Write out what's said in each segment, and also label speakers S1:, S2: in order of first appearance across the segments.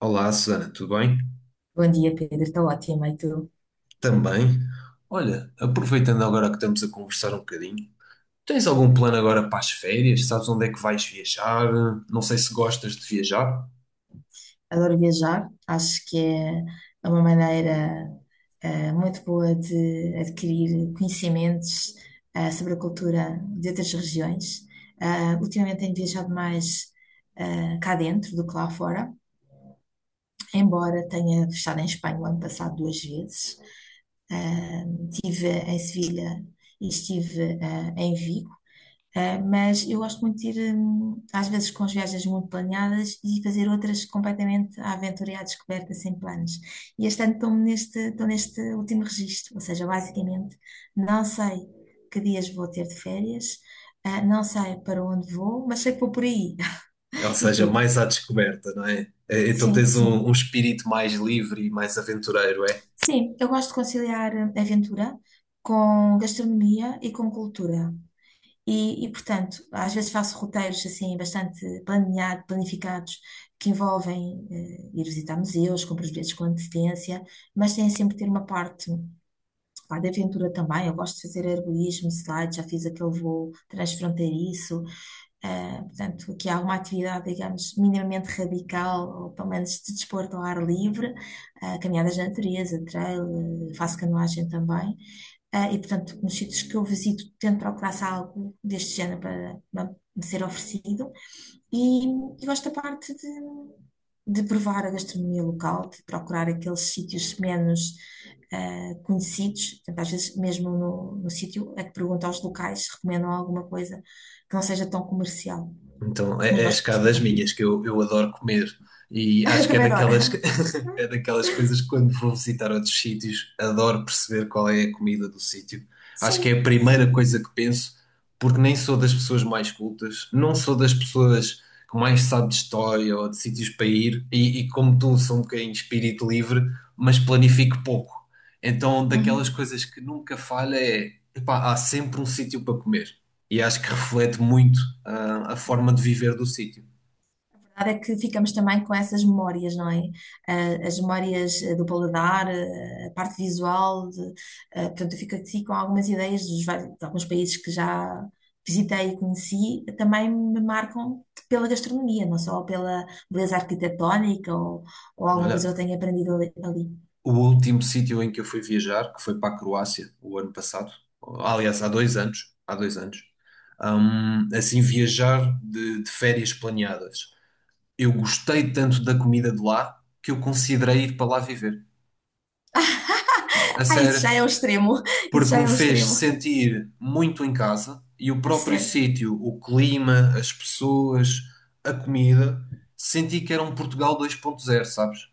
S1: Olá, Susana, tudo bem?
S2: Bom dia, Pedro. Estou ótima. E tu?
S1: Também. Olha, aproveitando agora que estamos a conversar um bocadinho, tens algum plano agora para as férias? Sabes onde é que vais viajar? Não sei se gostas de viajar.
S2: Adoro viajar. Acho que é uma maneira muito boa de adquirir conhecimentos sobre a cultura de outras regiões. Ultimamente tenho viajado mais cá dentro do que lá fora, embora tenha estado em Espanha o ano passado duas vezes. Ah, Estive em Sevilha e estive em Vigo. Mas eu gosto muito de ir, às vezes, com as viagens muito planeadas e fazer outras completamente à aventura e à descoberta, sem planos. E este ano estou neste último registro, ou seja, basicamente, não sei que dias vou ter de férias, não sei para onde vou, mas sei que vou por aí.
S1: Ou
S2: E
S1: seja,
S2: tu?
S1: mais à descoberta, não é? Então
S2: Sim,
S1: tens
S2: sim.
S1: um espírito mais livre e mais aventureiro, é?
S2: Sim, eu gosto de conciliar aventura com gastronomia e com cultura. E portanto, às vezes faço roteiros assim bastante planificados, que envolvem ir visitar museus, compro os bilhetes com antecedência, mas tem sempre ter uma parte pá, de aventura também. Eu gosto de fazer arborismo, slide, já fiz aquele voo transfronteiriço. Portanto, aqui há uma atividade, digamos, minimamente radical, ou pelo menos de desporto ao ar livre, caminhadas na natureza, trail, faço canoagem também. E, portanto, nos sítios que eu visito, tento procurar se há algo deste género para me ser oferecido. E, e gosto da parte de provar a gastronomia local, de procurar aqueles sítios menos conhecidos. Portanto, às vezes, mesmo no, no sítio, é que pergunto aos locais se recomendam alguma coisa que não seja tão comercial.
S1: Então,
S2: Mas
S1: é, é a
S2: gosto de
S1: escada das
S2: experimentar.
S1: minhas, que eu adoro comer. E acho que é
S2: Também
S1: daquelas, que-
S2: adoro.
S1: é daquelas coisas que quando vou visitar outros sítios, adoro perceber qual é a comida do sítio. Acho que é a
S2: Sim,
S1: primeira
S2: sim.
S1: coisa que penso, porque nem sou das pessoas mais cultas, não sou das pessoas que mais sabe de história ou de sítios para ir, e como tu, sou um bocadinho de espírito livre, mas planifico pouco. Então, daquelas
S2: Uhum.
S1: coisas que nunca falha é, epá, há sempre um sítio para comer e acho que reflete muito a forma de viver do sítio.
S2: Verdade é que ficamos também com essas memórias, não é? Ah, as memórias do paladar, eh, a parte visual, de, portanto, eu fico aqui com algumas ideias de alguns países que já visitei e conheci, também me marcam pela gastronomia, não só pela beleza arquitetónica ou alguma coisa que eu
S1: Olha,
S2: tenha aprendido ali.
S1: o último sítio em que eu fui viajar, que foi para a Croácia o ano passado, aliás, há dois anos, assim, viajar de férias planeadas. Eu gostei tanto da comida de lá que eu considerei ir para lá viver. A
S2: Ah, isso
S1: sério,
S2: já é o extremo, isso
S1: porque
S2: já
S1: me
S2: é o
S1: fez
S2: extremo.
S1: sentir muito em casa e o
S2: Ah,
S1: próprio
S2: sério.
S1: sítio, o clima, as pessoas, a comida, senti que era um Portugal dois ponto zero, sabes?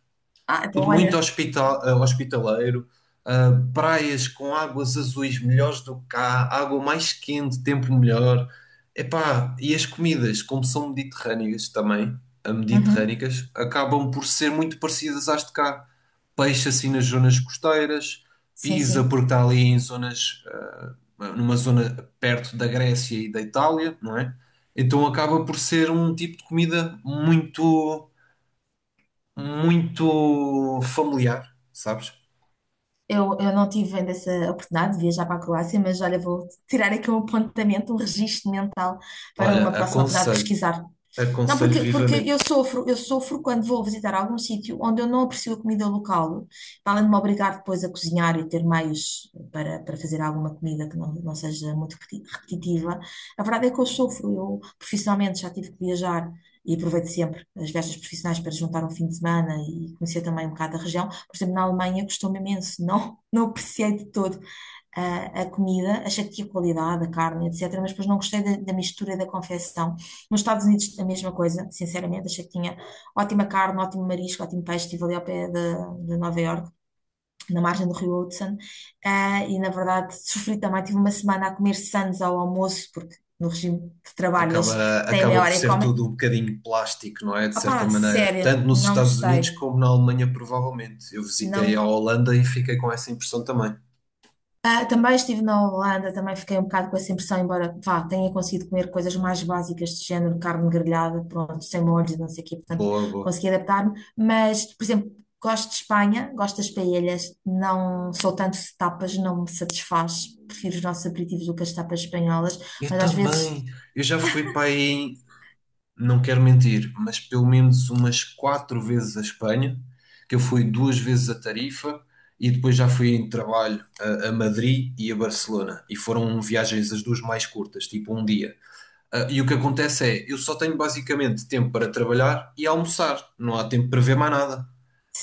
S2: Ah, então
S1: Tudo muito
S2: olha.
S1: hospital, hospitaleiro, praias com águas azuis melhores do que cá, água mais quente, tempo melhor. Epá, e as comidas, como são mediterrâneas também,
S2: Uhum.
S1: mediterrânicas, acabam por ser muito parecidas às de cá. Peixe assim nas zonas costeiras,
S2: Sim,
S1: Pisa
S2: sim.
S1: porque está ali em zonas, numa zona perto da Grécia e da Itália, não é? Então acaba por ser um tipo de comida muito muito familiar, sabes?
S2: Eu não tive ainda essa oportunidade de viajar para a Croácia, mas olha, vou tirar aqui um apontamento, um registro mental para uma
S1: Olha,
S2: próxima oportunidade de
S1: aconselho,
S2: pesquisar. Não,
S1: aconselho
S2: porque
S1: vivamente.
S2: eu sofro quando vou visitar algum sítio onde eu não aprecio a comida local, para além de me obrigar depois a cozinhar e ter meios para fazer alguma comida que não seja muito repetitiva. A verdade é que eu sofro, eu profissionalmente já tive que viajar e aproveito sempre as viagens profissionais para juntar um fim de semana e conhecer também um bocado a região. Por exemplo, na Alemanha custou-me imenso, não apreciei de todo a, a comida, achei que tinha qualidade, a carne, etc., mas depois não gostei da mistura e da confecção. Nos Estados Unidos, a mesma coisa, sinceramente, achei que tinha ótima carne, ótimo marisco, ótimo peixe, estive ali ao pé de Nova York. Na margem do Rio Hudson, ah, e na verdade sofri também. Tive uma semana a comer sãs ao almoço, porque no regime de trabalho eles
S1: Acaba,
S2: têm
S1: acaba
S2: meia
S1: por
S2: hora e
S1: ser
S2: comem.
S1: tudo um bocadinho plástico, não é? De certa
S2: Opá,
S1: maneira,
S2: sério,
S1: tanto nos
S2: não
S1: Estados
S2: gostei.
S1: Unidos como na Alemanha, provavelmente. Eu visitei a
S2: Não.
S1: Holanda e fiquei com essa impressão também.
S2: Ah, também estive na Holanda, também fiquei um bocado com essa impressão, embora vá, tenha conseguido comer coisas mais básicas de género, carne grelhada, pronto, sem molhos, e não sei o quê, portanto,
S1: Boa, boa.
S2: consegui adaptar-me. Mas, por exemplo, gosto de Espanha, gosto das paellas, não sou tanto de tapas, não me satisfaz, prefiro os nossos aperitivos do que as tapas espanholas,
S1: Eu
S2: mas às vezes,
S1: também. Eu já fui para aí. Não quero mentir, mas pelo menos umas quatro vezes a Espanha, que eu fui duas vezes a Tarifa e depois já fui em trabalho a Madrid e a Barcelona. E foram viagens as duas mais curtas, tipo um dia. Ah, e o que acontece é, eu só tenho basicamente tempo para trabalhar e almoçar, não há tempo para ver mais nada.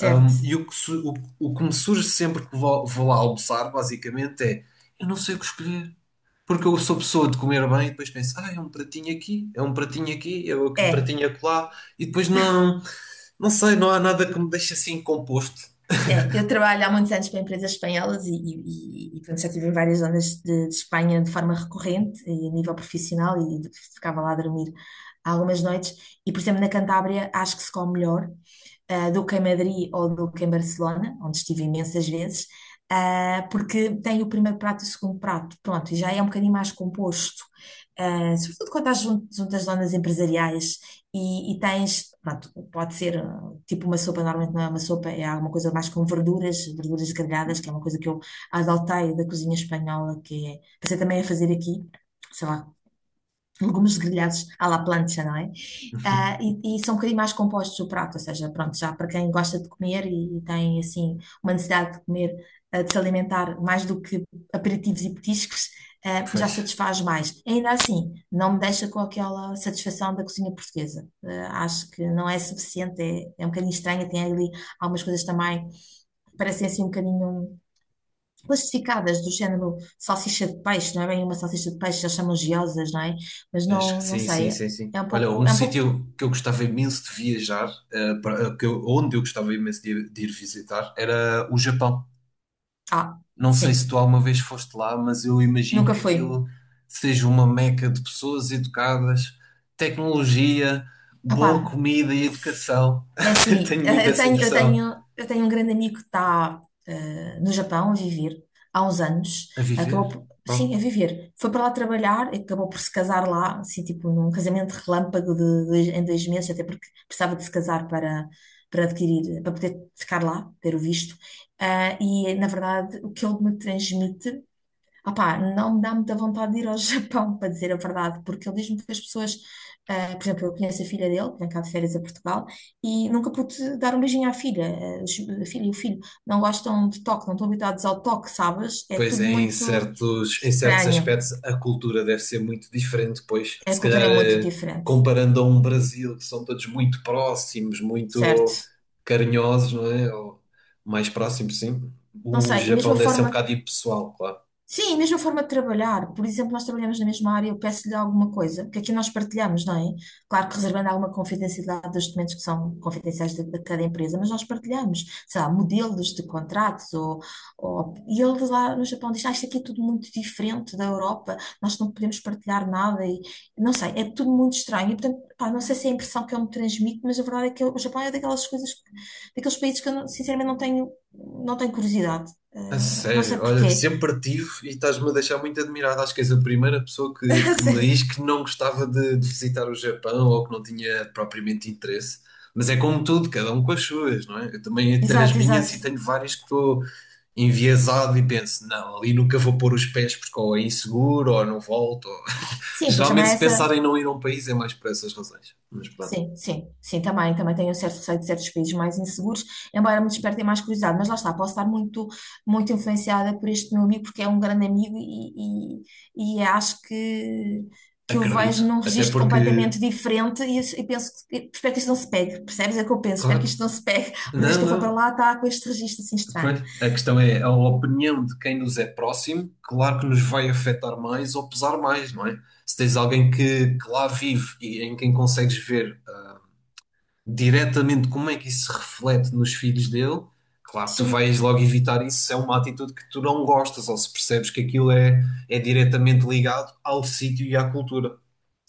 S1: E o que, su- o que me surge sempre que vou, vou lá almoçar, basicamente, é eu não sei o que escolher. Porque eu sou pessoa de comer bem e depois penso, ah, é um pratinho aqui, é um pratinho aqui, é um
S2: é.
S1: pratinho acolá, e depois não, não sei, não há nada que me deixe assim composto.
S2: É, eu trabalho há muitos anos para empresas espanholas e portanto, já estive em várias zonas de Espanha de forma recorrente e a nível profissional e ficava lá a dormir algumas noites. E, por exemplo, na Cantábria acho que se come melhor do que em Madrid ou do que em Barcelona, onde estive imensas vezes, porque tem o primeiro prato e o segundo prato, pronto, e já é um bocadinho mais composto. Sobretudo quando estás junto às zonas empresariais e tens, pronto, pode ser tipo uma sopa, normalmente não é uma sopa, é alguma coisa mais com verduras, verduras grelhadas, que é uma coisa que eu adotei da cozinha espanhola, que é, pensei também a fazer aqui, sei lá, legumes grelhados à la plancha, não é? E, e são um bocadinho mais compostos o prato, ou seja, pronto, já para quem gosta de comer e, tem assim uma necessidade de comer, de se alimentar mais do que aperitivos e petiscos, já
S1: Pois,
S2: satisfaz mais. Ainda assim, não me deixa com aquela satisfação da cozinha portuguesa. Acho que não é suficiente, é um bocadinho estranha, tem ali algumas coisas também que parecem assim um bocadinho plastificadas, do género salsicha de peixe, não é bem uma salsicha de peixe, eles chamam giosas, não é? Mas
S1: mas
S2: não
S1: sim, sim,
S2: sei,
S1: sim, sim. Olha, um
S2: é um pouco,
S1: sítio que eu gostava imenso de viajar, para- que eu- onde eu gostava imenso de ir visitar, era o Japão.
S2: ah,
S1: Não sei se
S2: sim,
S1: tu alguma vez foste lá, mas eu imagino
S2: nunca
S1: que
S2: fui.
S1: aquilo seja uma meca de pessoas educadas, tecnologia,
S2: Opá,
S1: boa comida e educação.
S2: é assim,
S1: Tenho
S2: eh,
S1: muito essa impressão.
S2: eu tenho um grande amigo que está no Japão a viver há uns anos.
S1: A viver?
S2: Acabou por,
S1: Bom,
S2: sim, a viver. Foi para lá trabalhar e acabou por se casar lá, assim, tipo, num casamento relâmpago em dois meses, até porque precisava de se casar para, para adquirir, para poder ficar lá, ter o visto. Ah, e, na verdade, o que ele me transmite. Opá, não me dá muita vontade de ir ao Japão, para dizer a verdade, porque ele diz-me que as pessoas, por exemplo, eu conheço a filha dele, que vem cá de férias a Portugal, e nunca pude dar um beijinho à filha. A filha e o filho não gostam de toque, não estão habituados ao toque, sabes? É
S1: pois
S2: tudo
S1: é,
S2: muito
S1: em certos
S2: estranho,
S1: aspectos a cultura deve ser muito diferente, pois
S2: a
S1: se
S2: cultura
S1: calhar
S2: é muito diferente,
S1: comparando a um Brasil, que são todos muito próximos,
S2: certo?
S1: muito carinhosos, não é? Ou mais próximos, sim.
S2: Não
S1: O
S2: sei, e mesmo a
S1: Japão deve ser um
S2: forma.
S1: bocado impessoal, claro.
S2: Sim, a mesma forma de trabalhar. Por exemplo, nós trabalhamos na mesma área, eu peço-lhe alguma coisa, que aqui nós partilhamos, não é? Claro que reservando alguma confidencialidade dos documentos que são confidenciais de cada empresa, mas nós partilhamos, sei lá, modelos de contratos ou... E ele lá no Japão diz, ah, isto aqui é tudo muito diferente da Europa, nós não podemos partilhar nada e... Não sei, é tudo muito estranho. E, portanto, pá, não sei se é a impressão que eu me transmito, mas a verdade é que o Japão é daquelas coisas, daqueles países que eu, não- sinceramente, não tenho curiosidade.
S1: A
S2: Eh, não sei
S1: sério, olha,
S2: porquê.
S1: sempre tive e estás-me a deixar muito admirado. Acho que és a primeira pessoa que me diz que não gostava de visitar o Japão ou que não tinha propriamente interesse. Mas é como tudo, cada um com as suas, não é? Eu também tenho as
S2: Exato,
S1: minhas
S2: exato.
S1: e tenho várias que estou enviesado e penso, não, ali nunca vou pôr os pés porque ou é inseguro ou não volto. Ou-
S2: Sim, pois também
S1: geralmente,
S2: é
S1: se
S2: essa.
S1: pensar em não ir a um país é mais por essas razões. Mas pronto,
S2: Sim, sim, sim, também, também tenho um certo receio de certos países mais inseguros, embora me despertem mais curiosidade, mas lá está, muito influenciada por este meu amigo, porque é um grande amigo e acho que o
S1: acredito.
S2: vejo num
S1: Até
S2: registro
S1: porque,
S2: completamente diferente e penso, espero que isto não se pegue, percebes? É o que eu penso, espero
S1: claro,
S2: que isto não se pegue, porque desde que
S1: não,
S2: eu fui para
S1: não.
S2: lá está com este registro assim estranho.
S1: Pois, a questão é, a opinião de quem nos é próximo, claro que nos vai afetar mais ou pesar mais, não é? Se tens alguém que lá vive e em quem consegues ver diretamente como é que isso se reflete nos filhos dele, claro que tu
S2: Sim.
S1: vais logo evitar isso se é uma atitude que tu não gostas ou se percebes que aquilo é, é diretamente ligado ao sítio e à cultura.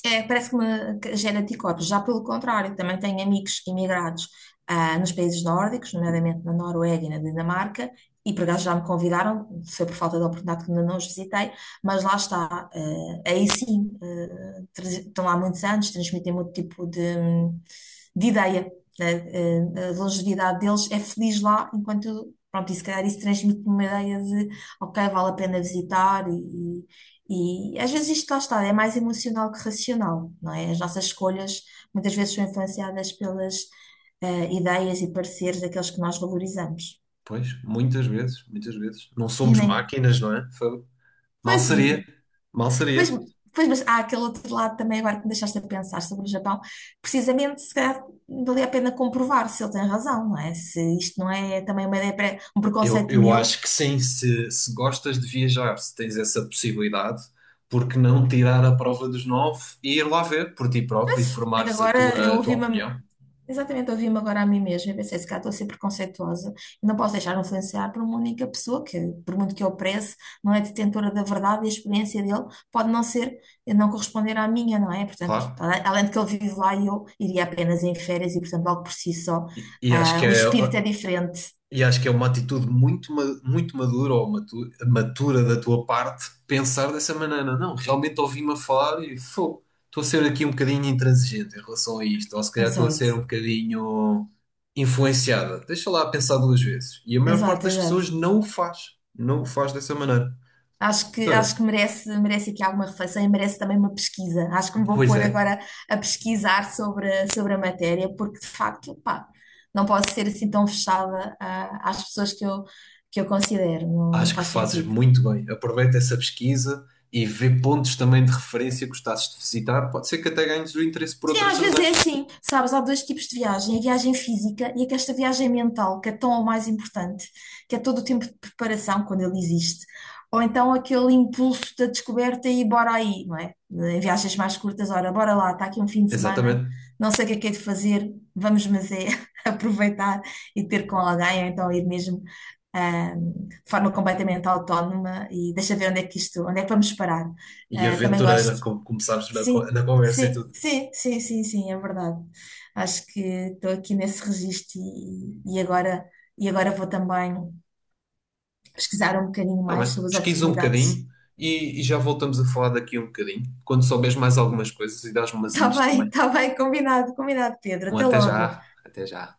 S2: É, parece que me que gera anticorpos. Já pelo contrário, também tenho amigos imigrados nos países nórdicos, nomeadamente na Noruega e na Dinamarca, e por acaso já me convidaram, foi por falta de oportunidade que ainda não os visitei, mas lá está. Aí sim, estão lá há muitos anos, transmitem muito tipo de ideia. A longevidade deles é feliz lá, enquanto, pronto, e se calhar isso transmite-me uma ideia de, ok, vale a pena visitar e às vezes isto lá está, é mais emocional que racional, não é? As nossas escolhas muitas vezes são influenciadas pelas ideias e pareceres daqueles que nós valorizamos.
S1: Pois, muitas vezes, muitas vezes. Não
S2: E
S1: somos
S2: nem.
S1: máquinas, não é? Fogo. Mal
S2: Pois,
S1: seria,
S2: e,
S1: mal
S2: pois,
S1: seria.
S2: pois, mas há aquele outro lado também agora que me deixaste a pensar sobre o Japão. Precisamente, se calhar, valia a pena comprovar se ele tem razão, não é? Se isto não é também uma ideia, um
S1: Eu,
S2: preconceito
S1: eu
S2: meu.
S1: acho que sim, se gostas de viajar, se tens essa possibilidade, porque não tirar a prova dos nove e ir lá ver por ti próprio e
S2: Mas é que
S1: formares
S2: agora eu
S1: a tua
S2: ouvi-me.
S1: opinião,
S2: Exatamente, eu ouvi-me agora a mim mesma e pensei, se calhar estou a ser preconceituosa e não posso deixar-me influenciar por uma única pessoa que, por muito que eu prece, não é detentora da verdade e a experiência dele pode não ser, não corresponder à minha, não é? Portanto,
S1: claro.
S2: além de que ele vive lá e eu iria apenas em férias e, portanto, logo por si só,
S1: E acho que
S2: o
S1: é,
S2: espírito é diferente.
S1: e acho que é uma atitude muito, ma- muito madura ou matu- matura da tua parte pensar dessa maneira. Não, realmente ouvi-me a falar e fô, estou a ser aqui um bocadinho intransigente em relação a isto, ou se calhar estou a ser
S2: Exato,
S1: um bocadinho influenciada. Deixa lá pensar duas vezes. E a maior parte
S2: exato,
S1: das pessoas
S2: exato.
S1: não o faz, não o faz dessa maneira. Mas
S2: Acho
S1: olha,
S2: que merece aqui alguma reflexão e merece também uma pesquisa. Acho que me vou
S1: pois
S2: pôr
S1: é,
S2: agora a pesquisar sobre a matéria, porque de facto, pá, não posso ser assim tão fechada, às pessoas que que eu considero, não
S1: acho que
S2: faz
S1: fazes
S2: sentido.
S1: muito bem. Aproveita essa pesquisa e vê pontos também de referência que gostasses de visitar. Pode ser que até ganhes o interesse por
S2: Sim,
S1: outras
S2: às vezes é
S1: razões.
S2: assim, sabes? Há dois tipos de viagem, a viagem física e esta viagem mental, que é tão ou mais importante, que é todo o tempo de preparação, quando ele existe, ou então aquele impulso da descoberta e bora aí, não é? Em viagens mais curtas, ora, bora lá, está aqui um fim de semana,
S1: Exatamente.
S2: não sei o que é de fazer, vamos, mas é aproveitar e ter com alguém, ou então ir mesmo de forma completamente autónoma e deixa ver onde é que isto, onde é que vamos parar.
S1: E
S2: Ah, também
S1: aventureira,
S2: gosto.
S1: como começámos na, co-
S2: Sim,
S1: na conversa e
S2: sim,
S1: tudo.
S2: sim, sim, sim, sim, é verdade. Acho que estou aqui nesse registro e agora vou também pesquisar um bocadinho
S1: Tá
S2: mais
S1: bem,
S2: sobre as
S1: pesquisa um
S2: oportunidades.
S1: bocadinho e já voltamos a falar daqui um bocadinho. Quando souberes mais algumas coisas e dás-me umas hints também.
S2: Está bem, combinado, combinado, Pedro.
S1: Um
S2: Até
S1: até
S2: logo.
S1: já, até já.